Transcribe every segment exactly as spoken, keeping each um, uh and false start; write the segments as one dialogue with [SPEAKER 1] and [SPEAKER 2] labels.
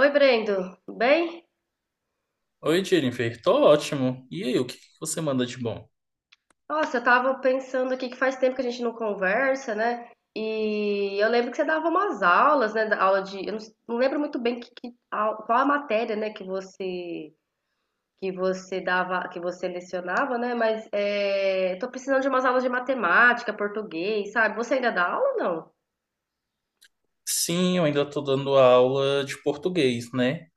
[SPEAKER 1] Oi, Brendo, tudo bem?
[SPEAKER 2] Oi, Jennifer, tô ótimo. E aí, o que que você manda de bom?
[SPEAKER 1] Nossa, eu tava pensando aqui que faz tempo que a gente não conversa, né? E eu lembro que você dava umas aulas, né? Da aula de, eu não, s- não lembro muito bem que, que au- qual a matéria, né? Que você que você dava, que você lecionava, né? Mas é, tô precisando de umas aulas de matemática, português, sabe? Você ainda dá aula ou não?
[SPEAKER 2] Sim, eu ainda tô dando aula de português, né?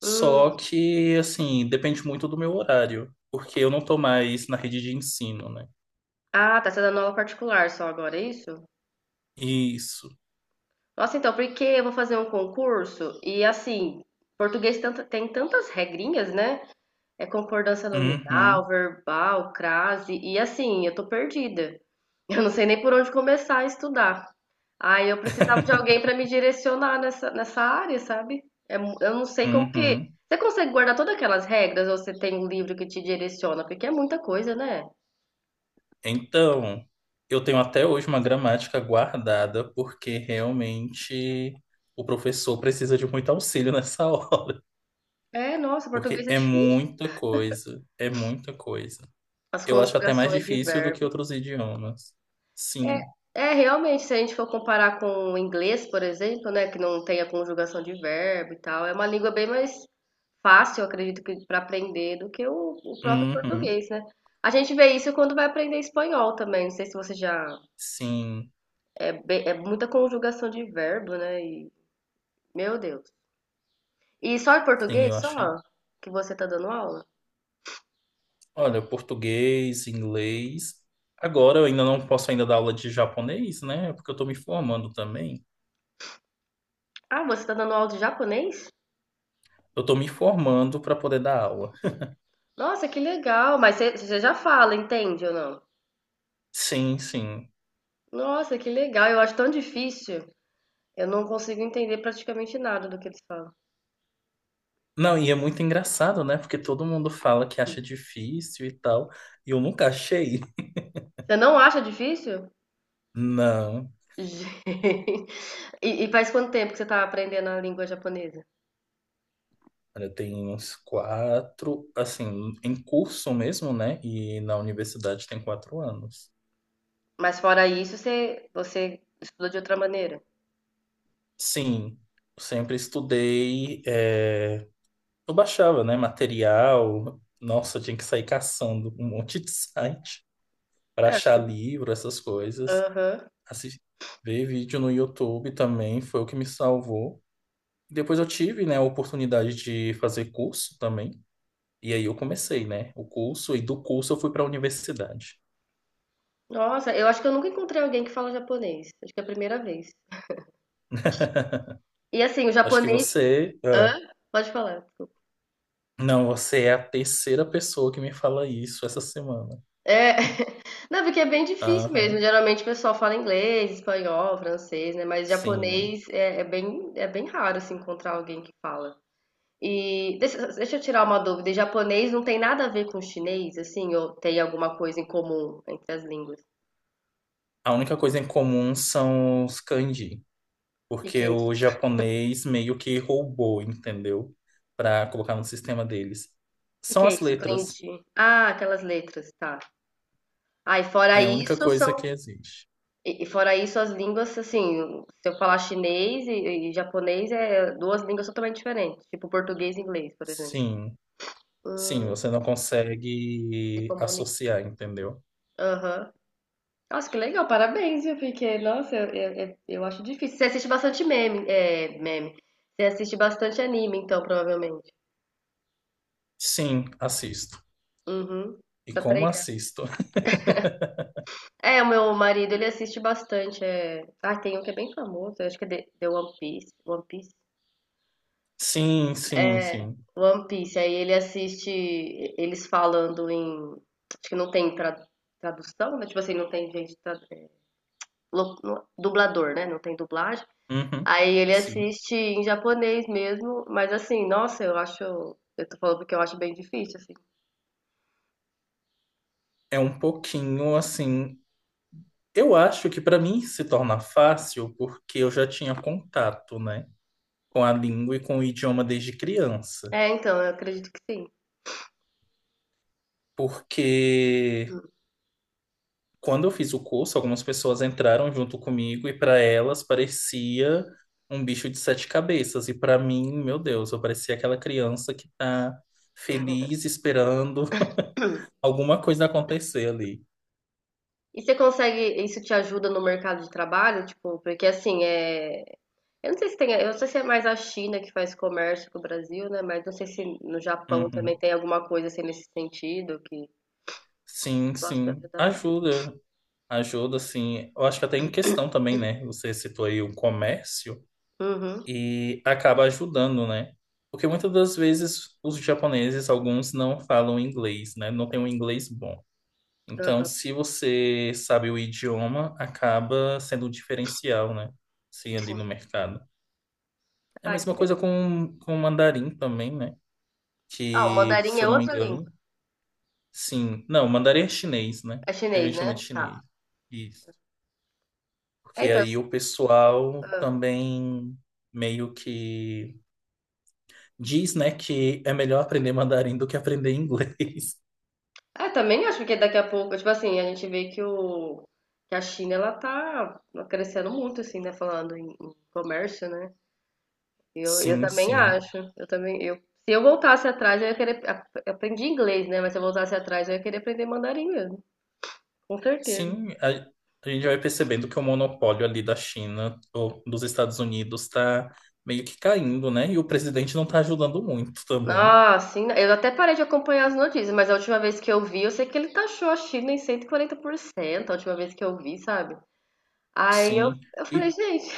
[SPEAKER 2] Só
[SPEAKER 1] Hum,
[SPEAKER 2] que, assim, depende muito do meu horário, porque eu não tô mais na rede de ensino, né?
[SPEAKER 1] ah, tá, você tá dando aula particular só agora, é isso?
[SPEAKER 2] Isso.
[SPEAKER 1] Nossa, então, porque eu vou fazer um concurso e assim, português tanta- tem tantas regrinhas, né? É concordância nominal,
[SPEAKER 2] Uhum,
[SPEAKER 1] verbal, crase. E assim, eu tô perdida. Eu não sei nem por onde começar a estudar. Aí eu precisava de alguém para me direcionar nessa, nessa área, sabe? É mu- eu não sei como que.
[SPEAKER 2] uhum.
[SPEAKER 1] Você consegue guardar todas aquelas regras ou você tem um livro que te direciona? Porque é muita coisa, né?
[SPEAKER 2] Então, eu tenho até hoje uma gramática guardada, porque realmente o professor precisa de muito auxílio nessa hora,
[SPEAKER 1] É, nossa,
[SPEAKER 2] porque
[SPEAKER 1] português é
[SPEAKER 2] é
[SPEAKER 1] difícil.
[SPEAKER 2] muita coisa, é muita coisa.
[SPEAKER 1] As
[SPEAKER 2] Eu acho até mais
[SPEAKER 1] conjugações de
[SPEAKER 2] difícil do que
[SPEAKER 1] verbo.
[SPEAKER 2] outros idiomas.
[SPEAKER 1] É,
[SPEAKER 2] Sim.
[SPEAKER 1] é, Realmente, se a gente for comparar com o inglês, por exemplo, né, que não tem a conjugação de verbo e tal, é uma língua bem mais fácil, eu acredito que para aprender do que o, o próprio
[SPEAKER 2] Uhum.
[SPEAKER 1] português, né? A gente vê isso quando vai aprender espanhol também. Não sei se você já
[SPEAKER 2] Sim.
[SPEAKER 1] é, bem- é muita conjugação de verbo, né? E, meu Deus. E só em
[SPEAKER 2] Sim, eu
[SPEAKER 1] português,
[SPEAKER 2] acho.
[SPEAKER 1] só que você tá dando aula?
[SPEAKER 2] Olha, português, inglês. Agora eu ainda não posso ainda dar aula de japonês, né? Porque eu tô me formando também.
[SPEAKER 1] Ah, você tá dando aula de japonês?
[SPEAKER 2] Eu tô me formando para poder dar aula.
[SPEAKER 1] Nossa, que legal! Mas você você já fala, entende ou não?
[SPEAKER 2] Sim, sim.
[SPEAKER 1] Nossa, que legal! Eu acho tão difícil. Eu não consigo entender praticamente nada do que eles falam.
[SPEAKER 2] Não, e é muito engraçado, né? Porque todo mundo fala que acha difícil e tal, e eu nunca achei.
[SPEAKER 1] Você não acha difícil?
[SPEAKER 2] Não.
[SPEAKER 1] Gente. E, e faz quanto tempo que você está aprendendo a língua japonesa?
[SPEAKER 2] Olha, eu tenho uns quatro, assim, em curso mesmo, né? E na universidade tem quatro anos.
[SPEAKER 1] Mas fora isso, você, você estudou de outra maneira?
[SPEAKER 2] Sim, sempre estudei. É, eu baixava, né? Material. Nossa, eu tinha que sair caçando um monte de site para
[SPEAKER 1] É, acho
[SPEAKER 2] achar
[SPEAKER 1] que.
[SPEAKER 2] livro, essas coisas.
[SPEAKER 1] Aham.
[SPEAKER 2] Assis- Ver vídeo no YouTube também foi o que me salvou. Depois eu tive, né, a oportunidade de fazer curso também. E aí eu comecei, né? O curso, e do curso eu fui para a universidade.
[SPEAKER 1] Nossa, eu acho que eu nunca encontrei alguém que fala japonês. Acho que é a primeira vez. E assim, o
[SPEAKER 2] Acho que
[SPEAKER 1] japonês.
[SPEAKER 2] você...
[SPEAKER 1] Hã?
[SPEAKER 2] Ah,
[SPEAKER 1] Pode falar, desculpa.
[SPEAKER 2] não, você é a terceira pessoa que me fala isso essa semana.
[SPEAKER 1] É, não, porque é bem difícil mesmo.
[SPEAKER 2] Aham,
[SPEAKER 1] Geralmente o pessoal fala inglês, espanhol, francês, né? Mas
[SPEAKER 2] sim.
[SPEAKER 1] japonês é, é bem, é bem raro assim, encontrar alguém que fala. E deixa, deixa eu tirar uma dúvida. E japonês não tem nada a ver com chinês, assim, ou tem alguma coisa em comum entre as línguas? O
[SPEAKER 2] A única coisa em comum são os kanji,
[SPEAKER 1] que que
[SPEAKER 2] porque
[SPEAKER 1] é isso?
[SPEAKER 2] o japonês meio que roubou, entendeu? Pra colocar no sistema deles.
[SPEAKER 1] O que que
[SPEAKER 2] São
[SPEAKER 1] é
[SPEAKER 2] as
[SPEAKER 1] isso?
[SPEAKER 2] letras.
[SPEAKER 1] Kanji. Ah, aquelas letras, tá. Ah, e fora
[SPEAKER 2] É a única
[SPEAKER 1] isso
[SPEAKER 2] coisa
[SPEAKER 1] são,
[SPEAKER 2] que existe.
[SPEAKER 1] e e fora isso as línguas, assim, se eu falar chinês e, e japonês é duas línguas totalmente diferentes, tipo português e inglês, por exemplo.
[SPEAKER 2] Sim,
[SPEAKER 1] Hum,
[SPEAKER 2] sim, você não
[SPEAKER 1] Se
[SPEAKER 2] consegue
[SPEAKER 1] comunica.
[SPEAKER 2] associar, entendeu?
[SPEAKER 1] Aham. Nossa, que legal, parabéns, viu? Porque, nossa, eu, eu, eu- eu acho difícil. Você assiste bastante meme, é, meme. Você assiste bastante anime, então, provavelmente.
[SPEAKER 2] Sim, assisto.
[SPEAKER 1] Uhum,
[SPEAKER 2] E
[SPEAKER 1] pra
[SPEAKER 2] como
[SPEAKER 1] treinar.
[SPEAKER 2] assisto?
[SPEAKER 1] É, o meu marido, ele assiste bastante. É... Ah, tem um que é bem famoso, eu acho que é The, The One Piece. One Piece?
[SPEAKER 2] Sim, sim,
[SPEAKER 1] É,
[SPEAKER 2] sim.
[SPEAKER 1] One Piece. Aí ele assiste eles falando em. Acho que não tem tra- tradução, né? Tipo assim, não tem gente. Tra... é, lo- no- dublador, né? Não tem dublagem.
[SPEAKER 2] Uhum,
[SPEAKER 1] Aí ele
[SPEAKER 2] sim.
[SPEAKER 1] assiste em japonês mesmo, mas assim, nossa, eu acho. Eu tô falando porque eu acho bem difícil, assim.
[SPEAKER 2] É um pouquinho assim. Eu acho que para mim se torna fácil porque eu já tinha contato, né, com a língua e com o idioma desde criança.
[SPEAKER 1] É, então, eu acredito que sim.
[SPEAKER 2] Porque quando eu fiz o curso, algumas pessoas entraram junto comigo e para elas parecia um bicho de sete cabeças. E para mim, meu Deus, eu parecia aquela criança que tá feliz esperando alguma coisa acontecer ali.
[SPEAKER 1] E você consegue, isso te ajuda no mercado de trabalho? Tipo, porque assim, é. Eu não sei se tem, eu não sei se é mais a China que faz comércio com o Brasil, né? Mas não sei se no Japão também
[SPEAKER 2] Uhum.
[SPEAKER 1] tem alguma coisa assim nesse sentido que
[SPEAKER 2] Sim,
[SPEAKER 1] possa te
[SPEAKER 2] sim,
[SPEAKER 1] ajudar.
[SPEAKER 2] ajuda. Ajuda, assim, eu acho que até em questão também, né? Você citou aí o comércio
[SPEAKER 1] Uhum,
[SPEAKER 2] e acaba ajudando, né? Porque muitas das vezes os japoneses, alguns não falam inglês, né? Não tem um inglês bom. Então,
[SPEAKER 1] aham,
[SPEAKER 2] se você sabe o idioma, acaba sendo um diferencial, né? Sim, ali
[SPEAKER 1] sim.
[SPEAKER 2] no mercado. É a
[SPEAKER 1] Ah, que
[SPEAKER 2] mesma
[SPEAKER 1] legal.
[SPEAKER 2] coisa com, com o mandarim também, né?
[SPEAKER 1] Ah, o
[SPEAKER 2] Que,
[SPEAKER 1] mandarim
[SPEAKER 2] se eu
[SPEAKER 1] é
[SPEAKER 2] não me
[SPEAKER 1] outra língua.
[SPEAKER 2] engano, sim. Não, o mandarim é chinês, né?
[SPEAKER 1] É
[SPEAKER 2] Que a
[SPEAKER 1] chinês,
[SPEAKER 2] gente chama
[SPEAKER 1] né?
[SPEAKER 2] de
[SPEAKER 1] Tá.
[SPEAKER 2] chinês. Isso.
[SPEAKER 1] É,
[SPEAKER 2] Porque
[SPEAKER 1] então.
[SPEAKER 2] aí o pessoal
[SPEAKER 1] Ah.
[SPEAKER 2] também meio que diz, né, que é melhor aprender mandarim do que aprender inglês.
[SPEAKER 1] É, também acho que daqui a pouco, tipo assim, a gente vê que o que a China ela tá crescendo muito assim, né, falando em, em comércio, né? Eu, eu
[SPEAKER 2] Sim,
[SPEAKER 1] também
[SPEAKER 2] sim.
[SPEAKER 1] acho. Eu também eu se eu voltasse atrás, eu ia querer ap- eu aprendi inglês, né, mas se eu voltasse atrás, eu ia querer aprender mandarim mesmo. Com certeza.
[SPEAKER 2] Sim, a, a gente vai percebendo que o monopólio ali da China ou dos Estados Unidos está meio que caindo, né? E o presidente não está ajudando muito também.
[SPEAKER 1] Nossa, sim, eu até parei de acompanhar as notícias, mas a última vez que eu vi, eu sei que ele taxou a China em cento e quarenta por cento a última vez que eu vi, sabe? Aí eu,
[SPEAKER 2] Sim.
[SPEAKER 1] eu falei,
[SPEAKER 2] E
[SPEAKER 1] gente,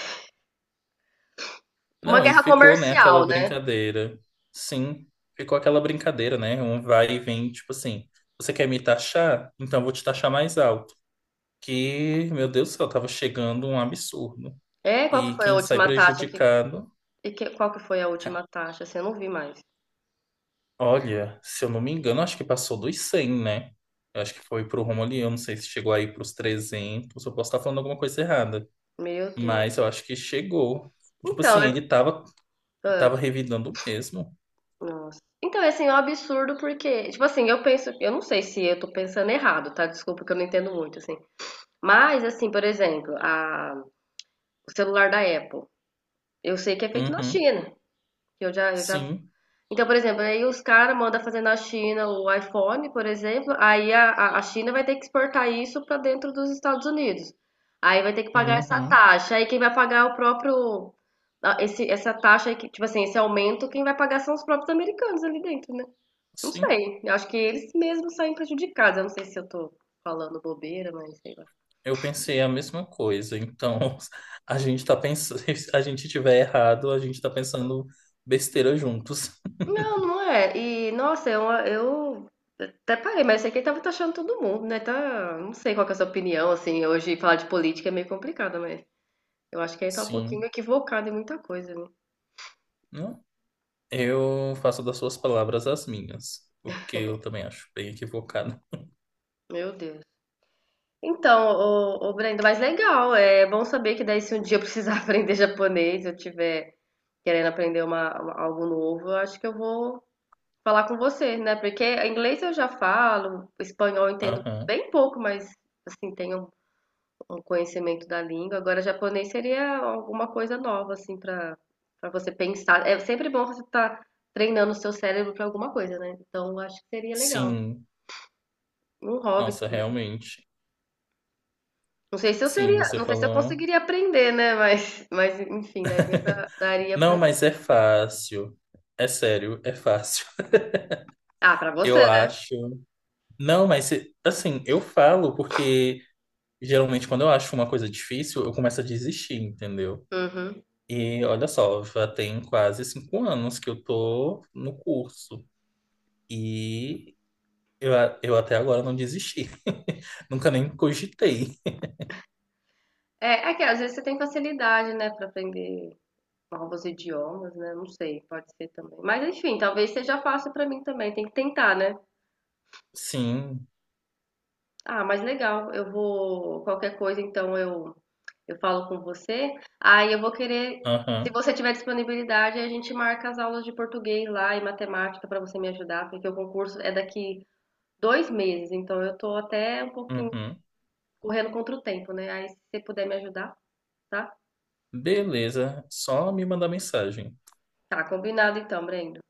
[SPEAKER 1] uma
[SPEAKER 2] não, e
[SPEAKER 1] guerra
[SPEAKER 2] ficou, né, aquela
[SPEAKER 1] comercial, né?
[SPEAKER 2] brincadeira. Sim, ficou aquela brincadeira, né? Um vai e vem, tipo assim, você quer me taxar? Então eu vou te taxar mais alto. Que, meu Deus do céu, tava chegando um absurdo.
[SPEAKER 1] É, qual que
[SPEAKER 2] E
[SPEAKER 1] foi a
[SPEAKER 2] quem sai
[SPEAKER 1] última taxa que
[SPEAKER 2] prejudicado,
[SPEAKER 1] E que- qual que foi a
[SPEAKER 2] ca-
[SPEAKER 1] última taxa? Assim, eu não vi mais.
[SPEAKER 2] olha, se eu não me engano, acho que passou dos cem, né? Eu acho que foi pro rumo ali, eu não sei se chegou aí pros trezentos. Eu posso estar falando alguma coisa errada,
[SPEAKER 1] Meu Deus.
[SPEAKER 2] mas eu acho que chegou. Tipo
[SPEAKER 1] Então,
[SPEAKER 2] assim,
[SPEAKER 1] eu-
[SPEAKER 2] ele tava,
[SPEAKER 1] ah,
[SPEAKER 2] tava revidando mesmo.
[SPEAKER 1] nossa. Então, assim, é um absurdo porque, tipo assim, eu penso, eu não sei se eu tô pensando errado, tá? Desculpa que eu não entendo muito, assim. Mas, assim, por exemplo, a, o celular da Apple, eu sei que é feito na
[SPEAKER 2] Uhum,
[SPEAKER 1] China. Que Eu já, eu já.
[SPEAKER 2] sim,
[SPEAKER 1] Então, por exemplo, aí os caras mandam fazer na China o iPhone, por exemplo, aí a, a- a China vai ter que exportar isso para dentro dos Estados Unidos. Aí vai ter que pagar essa
[SPEAKER 2] uhum,
[SPEAKER 1] taxa. Aí quem vai pagar é o próprio. a- Esse, essa taxa, aí que- tipo assim, esse aumento, quem vai pagar são os próprios americanos ali dentro, né? Não
[SPEAKER 2] sim.
[SPEAKER 1] sei. Eu acho que eles mesmos saem prejudicados. Eu não sei se eu tô falando bobeira, mas sei lá.
[SPEAKER 2] Eu pensei a mesma coisa, então a gente tá pensando, se a gente tiver errado, a gente tá pensando besteira juntos.
[SPEAKER 1] Não, não é. E, nossa, eu, eu até parei, mas esse aqui tava taxando todo mundo, né? Tá, não sei qual que é a sua opinião, assim, hoje falar de política é meio complicado, mas eu acho que aí tá um pouquinho
[SPEAKER 2] Sim.
[SPEAKER 1] equivocado em muita coisa, né?
[SPEAKER 2] Não, eu faço das suas palavras as minhas, porque eu também acho bem equivocado.
[SPEAKER 1] Meu Deus. Então, o o Brenda, mas legal, é bom saber que daí se um dia eu precisar aprender japonês, eu tiver querendo aprender uma, uma- algo novo, eu acho que eu vou falar com você, né? Porque inglês eu já falo, espanhol eu entendo
[SPEAKER 2] Aham.
[SPEAKER 1] bem pouco, mas, assim, tenho um conhecimento da língua. Agora, japonês seria alguma coisa nova, assim, para para você pensar. É sempre bom você estar treinando o seu cérebro para alguma coisa, né? Então, eu acho que seria legal.
[SPEAKER 2] Sim,
[SPEAKER 1] Um hobby
[SPEAKER 2] nossa,
[SPEAKER 1] também.
[SPEAKER 2] realmente.
[SPEAKER 1] Não sei se eu
[SPEAKER 2] Sim,
[SPEAKER 1] seria,
[SPEAKER 2] você
[SPEAKER 1] não sei se eu
[SPEAKER 2] falou.
[SPEAKER 1] conseguiria aprender, né? Mas, mas enfim, daria para, daria
[SPEAKER 2] Não,
[SPEAKER 1] para.
[SPEAKER 2] mas é fácil. É sério, é fácil.
[SPEAKER 1] Ah, para você,
[SPEAKER 2] Eu
[SPEAKER 1] né?
[SPEAKER 2] acho. Não, mas assim, eu falo porque geralmente quando eu acho uma coisa difícil, eu começo a desistir, entendeu?
[SPEAKER 1] Uhum.
[SPEAKER 2] E olha só, já tem quase cinco anos que eu tô no curso. E Eu, a- eu até agora não desisti. Nunca nem cogitei.
[SPEAKER 1] É, é que às vezes você tem facilidade, né, para aprender novos idiomas, né? Não sei, pode ser também. Mas enfim, talvez seja fácil para mim também. Tem que tentar, né?
[SPEAKER 2] Sim.
[SPEAKER 1] Ah, mas legal. Eu vou. Qualquer coisa, então eu, eu falo com você. Aí eu vou querer. Se
[SPEAKER 2] Aham.
[SPEAKER 1] você tiver disponibilidade, a gente marca as aulas de português lá e matemática para você me ajudar, porque o concurso é daqui dois meses, então eu tô até um pouquinho
[SPEAKER 2] Uhum.
[SPEAKER 1] correndo contra o tempo, né? Aí se você puder me ajudar, tá?
[SPEAKER 2] Beleza. Só me mandar mensagem.
[SPEAKER 1] Tá, combinado então, Brendo.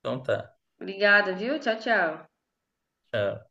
[SPEAKER 2] Então tá.
[SPEAKER 1] Obrigada, viu? Tchau, tchau.
[SPEAKER 2] Tchau.